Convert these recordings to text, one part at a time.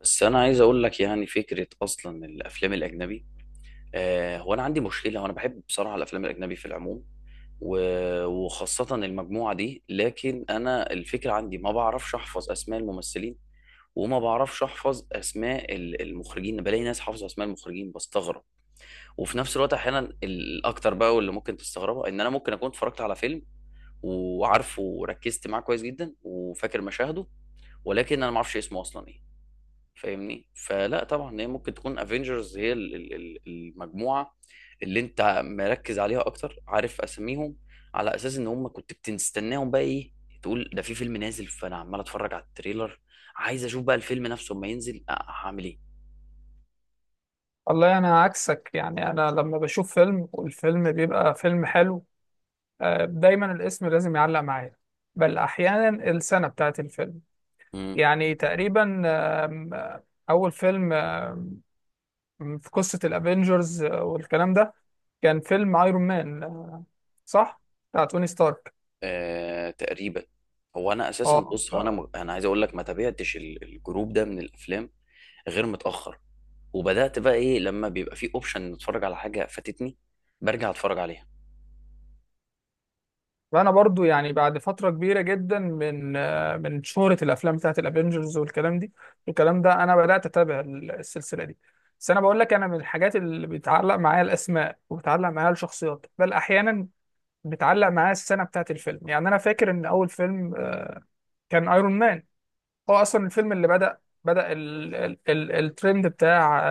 بس انا عايز اقول لك يعني فكره اصلا الافلام الاجنبي. هو انا عندي مشكله، وانا بحب بصراحه الافلام الاجنبي في العموم، وخاصه المجموعه دي. لكن انا الفكره عندي ما بعرفش احفظ اسماء الممثلين، وما بعرفش احفظ اسماء المخرجين. بلاقي ناس حافظه اسماء المخرجين بستغرب. وفي نفس الوقت احيانا الاكتر بقى، واللي ممكن تستغربها، ان انا ممكن اكون اتفرجت على فيلم، وعارفه وركزت معاه كويس جدا، وفاكر مشاهده، ولكن انا ما اعرفش اسمه اصلا ايه. فاهمني؟ فلا طبعا هي ممكن تكون افنجرز، هي المجموعه اللي انت مركز عليها اكتر، عارف اساميهم، على اساس ان هم كنت بتستناهم بقى ايه. تقول ده في فيلم نازل، فانا عمال اتفرج على التريلر، عايز اشوف بقى الفيلم نفسه اما ينزل. هعمل ايه؟ والله انا عكسك. يعني انا لما بشوف فيلم والفيلم بيبقى فيلم حلو، دايما الاسم لازم يعلق معايا، بل احيانا السنة بتاعت الفيلم. امم يعني تقريبا آم، آه، اول فيلم في قصة الافينجرز والكلام ده، كان فيلم ايرون مان صح، بتاع توني ستارك. آه، تقريبا. هو انا اساسا بص، هو انا اه انا عايز اقول لك ما تابعتش الجروب ده من الافلام غير متاخر. وبدات بقى ايه، لما بيبقى في اوبشن نتفرج على حاجه فاتتني، برجع اتفرج عليها. فانا برضو يعني بعد فتره كبيره جدا من شهره الافلام بتاعت الافينجرز والكلام ده انا بدات اتابع السلسله دي. بس انا بقول لك، انا من الحاجات اللي بيتعلق معايا الاسماء وبتعلق معايا الشخصيات، بل احيانا بتعلق معايا السنه بتاعت الفيلم. يعني انا فاكر ان اول فيلم كان ايرون مان، هو اصلا الفيلم اللي بدا ال ال ال الترند بتاع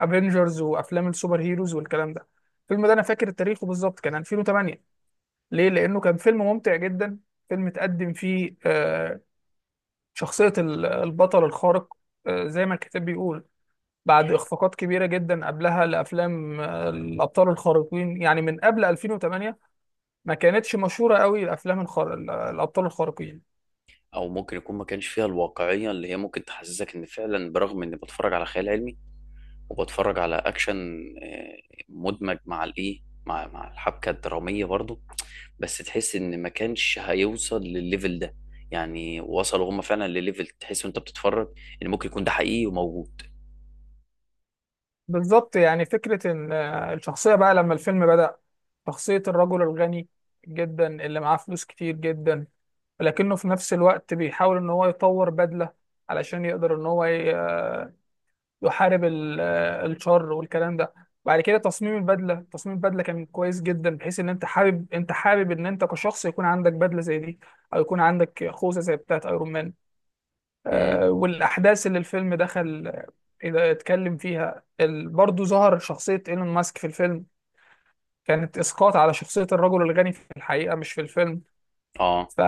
افينجرز وافلام السوبر هيروز والكلام ده. الفيلم ده انا فاكر تاريخه بالظبط، كان 2008. ليه؟ لأنه كان فيلم ممتع جدا، فيلم تقدم فيه شخصية البطل الخارق، زي ما الكتاب بيقول، بعد إخفاقات كبيرة جدا قبلها لأفلام الأبطال الخارقين. يعني من قبل 2008 ما كانتش مشهورة قوي الأفلام الأبطال الخارقين. او ممكن يكون ما كانش فيها الواقعيه اللي هي ممكن تحسسك ان فعلا، برغم اني بتفرج على خيال علمي وبتفرج على اكشن آه، مدمج مع الايه، مع الحبكه الدراميه برضو، بس تحس ان ما كانش هيوصل للليفل ده. يعني وصلوا هم فعلا لليفل تحس وانت بتتفرج ان ممكن يكون ده حقيقي وموجود. بالظبط، يعني فكرة إن الشخصية بقى لما الفيلم بدأ، شخصية الرجل الغني جدا اللي معاه فلوس كتير جدا، لكنه في نفس الوقت بيحاول إن هو يطور بدلة علشان يقدر إن هو يحارب الشر والكلام ده. بعد كده تصميم البدله كان كويس جدا، بحيث ان انت حابب، ان انت كشخص، يكون عندك بدله زي دي او يكون عندك خوذه زي بتاعه ايرون مان. امم والاحداث اللي الفيلم دخل اذا اتكلم فيها برضه ظهر شخصيه ايلون ماسك في الفيلم، كانت اسقاط على شخصيه الرجل الغني في الحقيقه مش في الفيلم. اه. ف...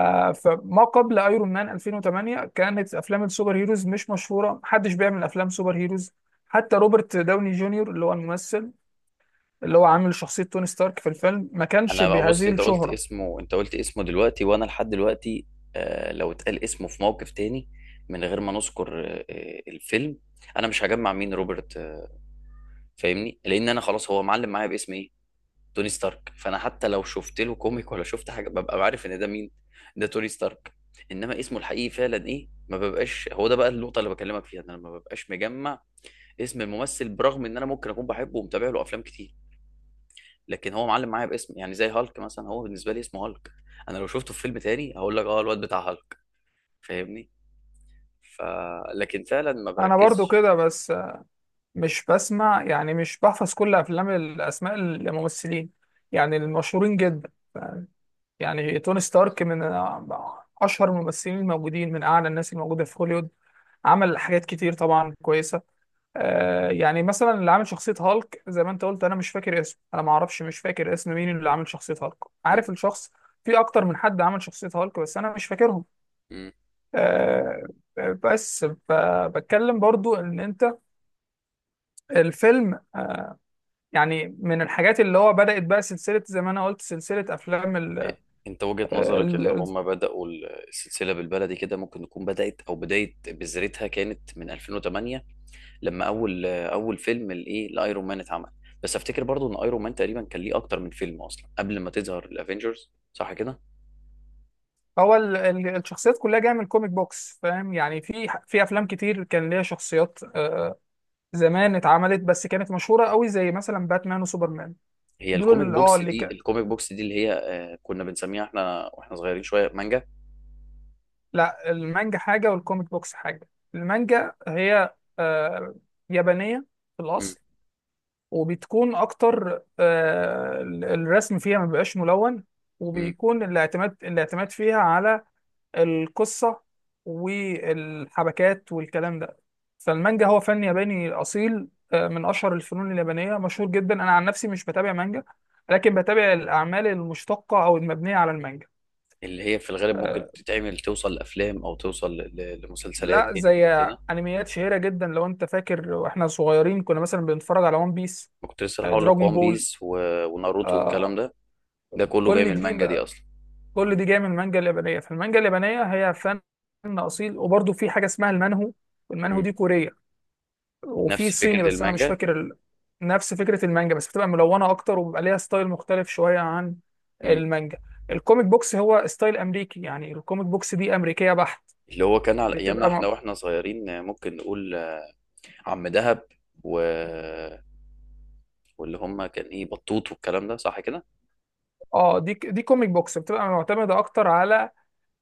فما قبل ايرون مان 2008 كانت افلام السوبر هيروز مش مشهوره، محدش بيعمل افلام سوبر هيروز. حتى روبرت داوني جونيور اللي هو الممثل اللي هو عامل شخصيه توني ستارك في الفيلم ما كانش انا بقى بص، بهذه الشهره. انت قلت اسمه دلوقتي، وانا لحد دلوقتي لو اتقال اسمه في موقف تاني من غير ما نذكر الفيلم، انا مش هجمع مين روبرت فاهمني، لان انا خلاص هو معلم معايا باسم ايه، توني ستارك. فانا حتى لو شفت له كوميك ولا شفت حاجه، ببقى عارف ان ده مين، ده توني ستارك. انما اسمه الحقيقي فعلا ايه، ما ببقاش. هو ده بقى النقطه اللي بكلمك فيها، ان انا ما ببقاش مجمع اسم الممثل، برغم ان انا ممكن اكون بحبه ومتابع له افلام كتير. لكن هو معلم معايا باسم، يعني زي هالك مثلا، هو بالنسبه لي اسمه هالك. انا لو شفته في فيلم تاني هقول لك اه الواد بتاع هالك. فاهمني؟ ف لكن فعلا ما انا برضو بركزش. كده، بس مش بسمع يعني مش بحفظ كل افلام الاسماء الممثلين، يعني المشهورين جدا. يعني توني ستارك من اشهر الممثلين الموجودين، من اعلى الناس الموجوده في هوليوود، عمل حاجات كتير طبعا كويسه. يعني مثلا اللي عامل شخصية هالك، زي ما انت قلت، انا مش فاكر اسمه، انا ما اعرفش، مش فاكر اسم مين اللي عامل شخصية هالك. م- عارف الشخص، في اكتر من حد عمل شخصية هالك، بس انا مش فاكرهم. م. آه بس ف- بتكلم برضو ان انت الفيلم، يعني من الحاجات اللي هو بدأت بقى سلسلة، زي ما انا قلت سلسلة افلام إيه، انت وجهة نظرك ال ان ال- هم بدأوا السلسلة، بالبلدي كده، ممكن تكون بدأت او بداية بذرتها كانت من 2008، لما اول فيلم الايه لايرون مان اتعمل. بس افتكر برضو ان ايرون مان تقريبا كان ليه اكتر من فيلم اصلا قبل ما تظهر الافينجرز، صح كده؟ هو الشخصيات كلها جاية من الكوميك بوكس. فاهم يعني، في افلام كتير كان ليها شخصيات، زمان اتعملت، بس كانت مشهورة قوي زي مثلا باتمان وسوبرمان. هي دول اللي اه اللي ك... الكوميك بوكس دي اللي هي كنا بنسميها احنا واحنا صغيرين شويه مانجا. لا، المانجا حاجة والكوميك بوكس حاجة. المانجا هي يابانية في مم. الأصل، وبتكون أكتر الرسم فيها ما بيبقاش ملون، مم. وبيكون الاعتماد فيها على القصة والحبكات والكلام ده. فالمانجا هو فن ياباني أصيل، من أشهر الفنون اليابانية، مشهور جدا. أنا عن نفسي مش بتابع مانجا، لكن بتابع الأعمال المشتقة أو المبنية على المانجا. اللي هي في الغالب ممكن آه، تتعمل، توصل لافلام او توصل لمسلسلات لا انمي زي وكده. انميات شهيرة جدا لو انت فاكر، واحنا صغيرين كنا مثلا بنتفرج على ون بيس، ما كنت لسه هقول لك دراجون وان بول، بيس و... وناروتو والكلام آه ده، ده كله جاي كل من دي المانجا دي اصلا. كل دي جاية من المانجا اليابانية. فالمانجا اليابانية هي فن أصيل، وبرضه في حاجة اسمها المانهو، والمانهو مم. دي كورية، وفي نفس صيني فكره بس أنا مش المانجا. فاكر نفس فكرة المانجا، بس بتبقى ملونة أكتر وبيبقى ليها ستايل مختلف شوية عن مم. المانجا. الكوميك بوكس هو ستايل أمريكي، يعني الكوميك بوكس دي أمريكية بحت. اللي هو كان على ايامنا بتبقى احنا م... واحنا صغيرين، ممكن نقول عم دهب و... واللي هم كان ايه بطوط والكلام ده، صح كده؟ اه دي كوميك بوكس بتبقى معتمدة أكتر على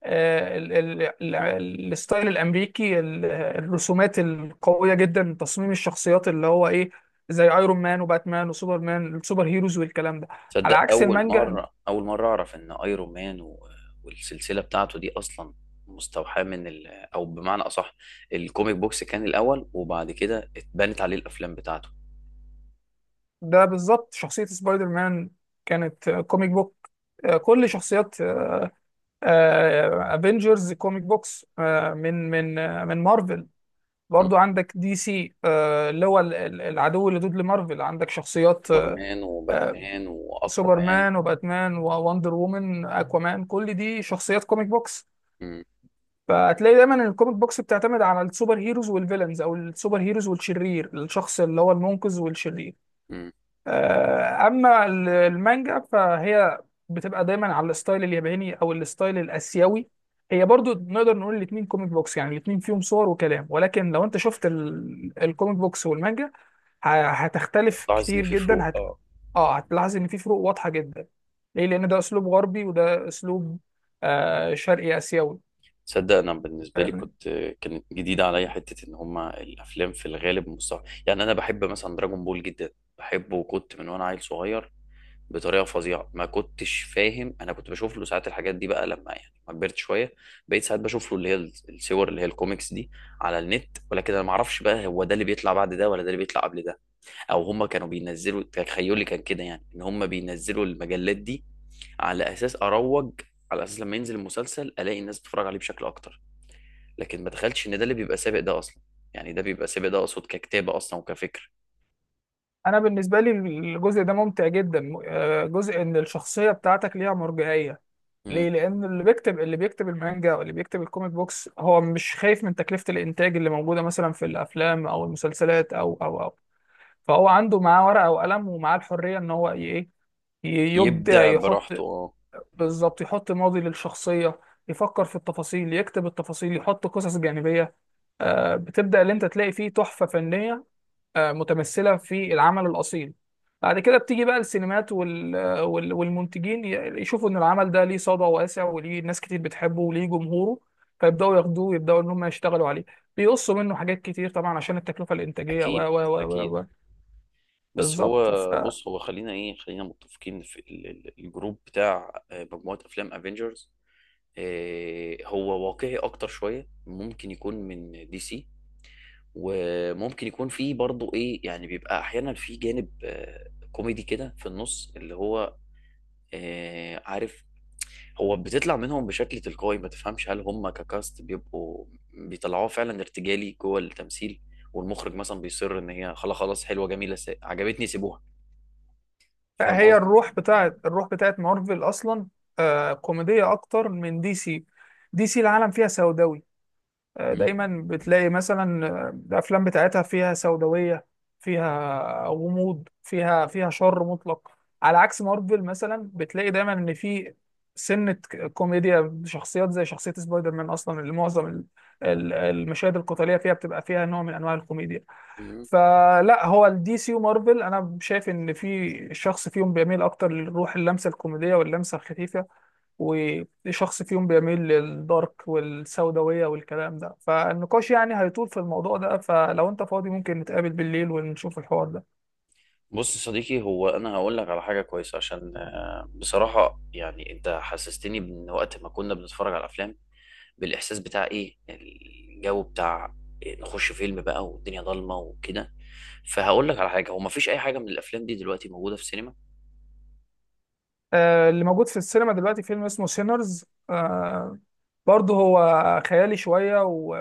آه، ال- ال- الستايل الامريكي، الرسومات القويه جدا، تصميم الشخصيات اللي هو ايه، زي ايرون مان وباتمان وسوبرمان، السوبر هيروز والكلام ده، على تصدق عكس اول المانجا. مره، اعرف ان ايرون مان و... والسلسله بتاعته دي اصلا مستوحاه من ال... او بمعنى اصح، الكوميك بوكس كان الاول، وبعد كده اتبنت عليه الافلام بتاعته. ده بالظبط شخصيه سبايدر مان كانت كوميك بوك، م- كل شخصيات افنجرز كوميك بوكس، من مارفل. م. برضو عندك دي سي اللي هو العدو اللدود لمارفل. عندك شخصيات سوبرمان آه، وباتمان واكوامان. سوبرمان وباتمان ووندر وومن اكوامان، كل دي شخصيات كوميك بوكس. م- فهتلاقي دايما إن الكوميك بوكس بتعتمد على السوبر هيروز والفيلنز، او السوبر هيروز والشرير، الشخص اللي هو المنقذ والشرير. م. اما المانجا فهي بتبقى دايما على الستايل الياباني او الستايل الاسيوي. هي برضو نقدر نقول الاتنين كوميك بوكس، يعني الاتنين فيهم صور وكلام، ولكن لو انت شفت الكوميك بوكس والمانجا هتختلف بتلاحظ ان كتير في فروق، جدا. اه. اه، هتلاحظ ان في فروق واضحه جدا، ليه؟ لان ده اسلوب غربي وده اسلوب شرقي اسيوي. تصدق انا بالنسبه لي فاهمني؟ كنت، كانت جديده عليا حته ان هما الافلام في الغالب مستوحاه. يعني انا بحب مثلا دراجون بول جدا، بحبه وكنت من وانا عيل صغير بطريقه فظيعه. ما كنتش فاهم انا كنت بشوف له ساعات الحاجات دي. بقى لما يعني ما كبرت شويه، بقيت ساعات بشوف له اللي هي الصور اللي هي الكوميكس دي على النت. ولكن انا ما اعرفش بقى هو ده اللي بيطلع بعد ده ولا ده اللي بيطلع قبل ده، او هم كانوا بينزلوا. تخيلي كان كده، يعني ان هم بينزلوا المجلات دي على اساس اروج، على اساس لما ينزل المسلسل الاقي الناس بتتفرج عليه بشكل اكتر. لكن ما تخيلتش ان ده اللي بيبقى سابق ده اصلا. يعني ده بيبقى سابق، ده اقصد ككتابه اصلا وكفكر. انا بالنسبه لي الجزء ده ممتع جدا، جزء ان الشخصيه بتاعتك ليها مرجعيه، مم. ليه؟ لان اللي بيكتب المانجا واللي بيكتب الكوميك بوكس، هو مش خايف من تكلفه الانتاج اللي موجوده مثلا في الافلام او المسلسلات او فهو عنده، معاه ورقه وقلم، ومعاه الحريه ان هو ي- يبدع، يبدع يحط، براحته، اه. بالظبط يحط ماضي للشخصية، يفكر في التفاصيل، يكتب التفاصيل، يحط قصص جانبية، بتبدأ اللي انت تلاقي فيه تحفة فنية متمثلة في العمل الأصيل. بعد كده بتيجي بقى السينمات والمنتجين يشوفوا ان العمل ده ليه صدى واسع وليه ناس كتير بتحبه وليه جمهوره، فيبدأوا ياخدوه، يبدأوا ان هم يشتغلوا عليه، بيقصوا منه حاجات كتير طبعا عشان التكلفة الإنتاجية اكيد اكيد. بس هو بالظبط. بص، هو خلينا ايه، خلينا متفقين في الجروب بتاع مجموعة افلام افنجرز. هو واقعي اكتر شوية ممكن يكون من دي سي. وممكن يكون فيه برضه ايه، يعني بيبقى احيانا فيه جانب كوميدي كده في النص اللي هو عارف، هو بتطلع منهم بشكل تلقائي، ما تفهمش هل هم ككاست بيبقوا بيطلعوه فعلا ارتجالي جوه التمثيل، والمخرج مثلا بيصر ان هي خلاص. حلوة جميلة، عجبتني سيبوها. لا، فاهم هي قصدي؟ الروح بتاعت مارفل اصلا كوميديه اكتر من دي سي. دي سي العالم فيها سوداوي، دايما بتلاقي مثلا الافلام بتاعتها فيها سوداويه، فيها غموض، فيها شر مطلق، على عكس مارفل مثلا بتلاقي دايما ان في سنه كوميديا، شخصيات زي شخصيه سبايدر مان اصلا اللي معظم المشاهد القتاليه فيها بتبقى فيها نوع من انواع الكوميديا. مم. فلا، هو الدي سي ومارفل انا شايف ان في شخص فيهم بيميل اكتر للروح، اللمسه الكوميديه واللمسه الخفيفه، وشخص فيهم بيميل للدارك والسوداويه والكلام ده، فالنقاش يعني هيطول في الموضوع ده، فلو انت فاضي ممكن نتقابل بالليل ونشوف الحوار ده. بص يا صديقي، هو انا هقول لك على حاجه كويسه، عشان بصراحه يعني انت حسستني من وقت ما كنا بنتفرج على الافلام بالاحساس بتاع ايه، الجو بتاع إيه، نخش فيلم بقى والدنيا ضلمه وكده. فهقول لك على حاجه، هو مفيش اي حاجه من الافلام دي دلوقتي موجوده في السينما. اللي موجود في السينما دلوقتي فيلم اسمه سينرز، آه برضه هو خيالي شويه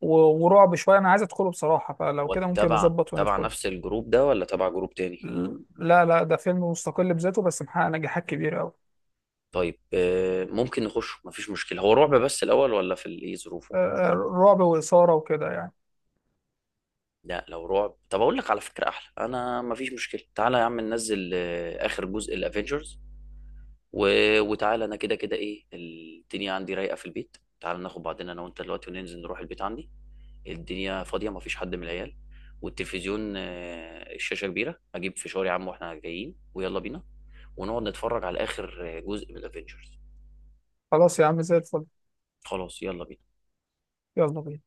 و... ورعب شويه، انا عايز ادخله بصراحه، فلو هو كده ممكن تبع نظبط نفس وندخله. الجروب ده، ولا تبع جروب تاني؟ لا لا، ده فيلم مستقل بذاته، بس محقق نجاحات كبيرة أوي. طيب ممكن نخش مفيش مشكله، هو رعب بس الاول، ولا في الايه ظروفه؟ آه، رعب وإثارة وكده يعني. لا لو رعب، طب اقول لك على فكره احلى، انا مفيش مشكله، تعالى يا عم ننزل اخر جزء الافينجرز و... وتعالى، انا كده كده ايه الدنيا عندي رايقه في البيت. تعالى ناخد بعضنا انا وانت دلوقتي، وننزل نروح البيت عندي، الدنيا فاضيه مفيش حد من العيال، والتلفزيون الشاشه كبيره، اجيب فشار يا عم واحنا جايين، ويلا بينا ونقعد نتفرج على اخر جزء من الافينجرز. خلاص يا عم، زي الفل. خلاص يلا بينا. يلا بينا.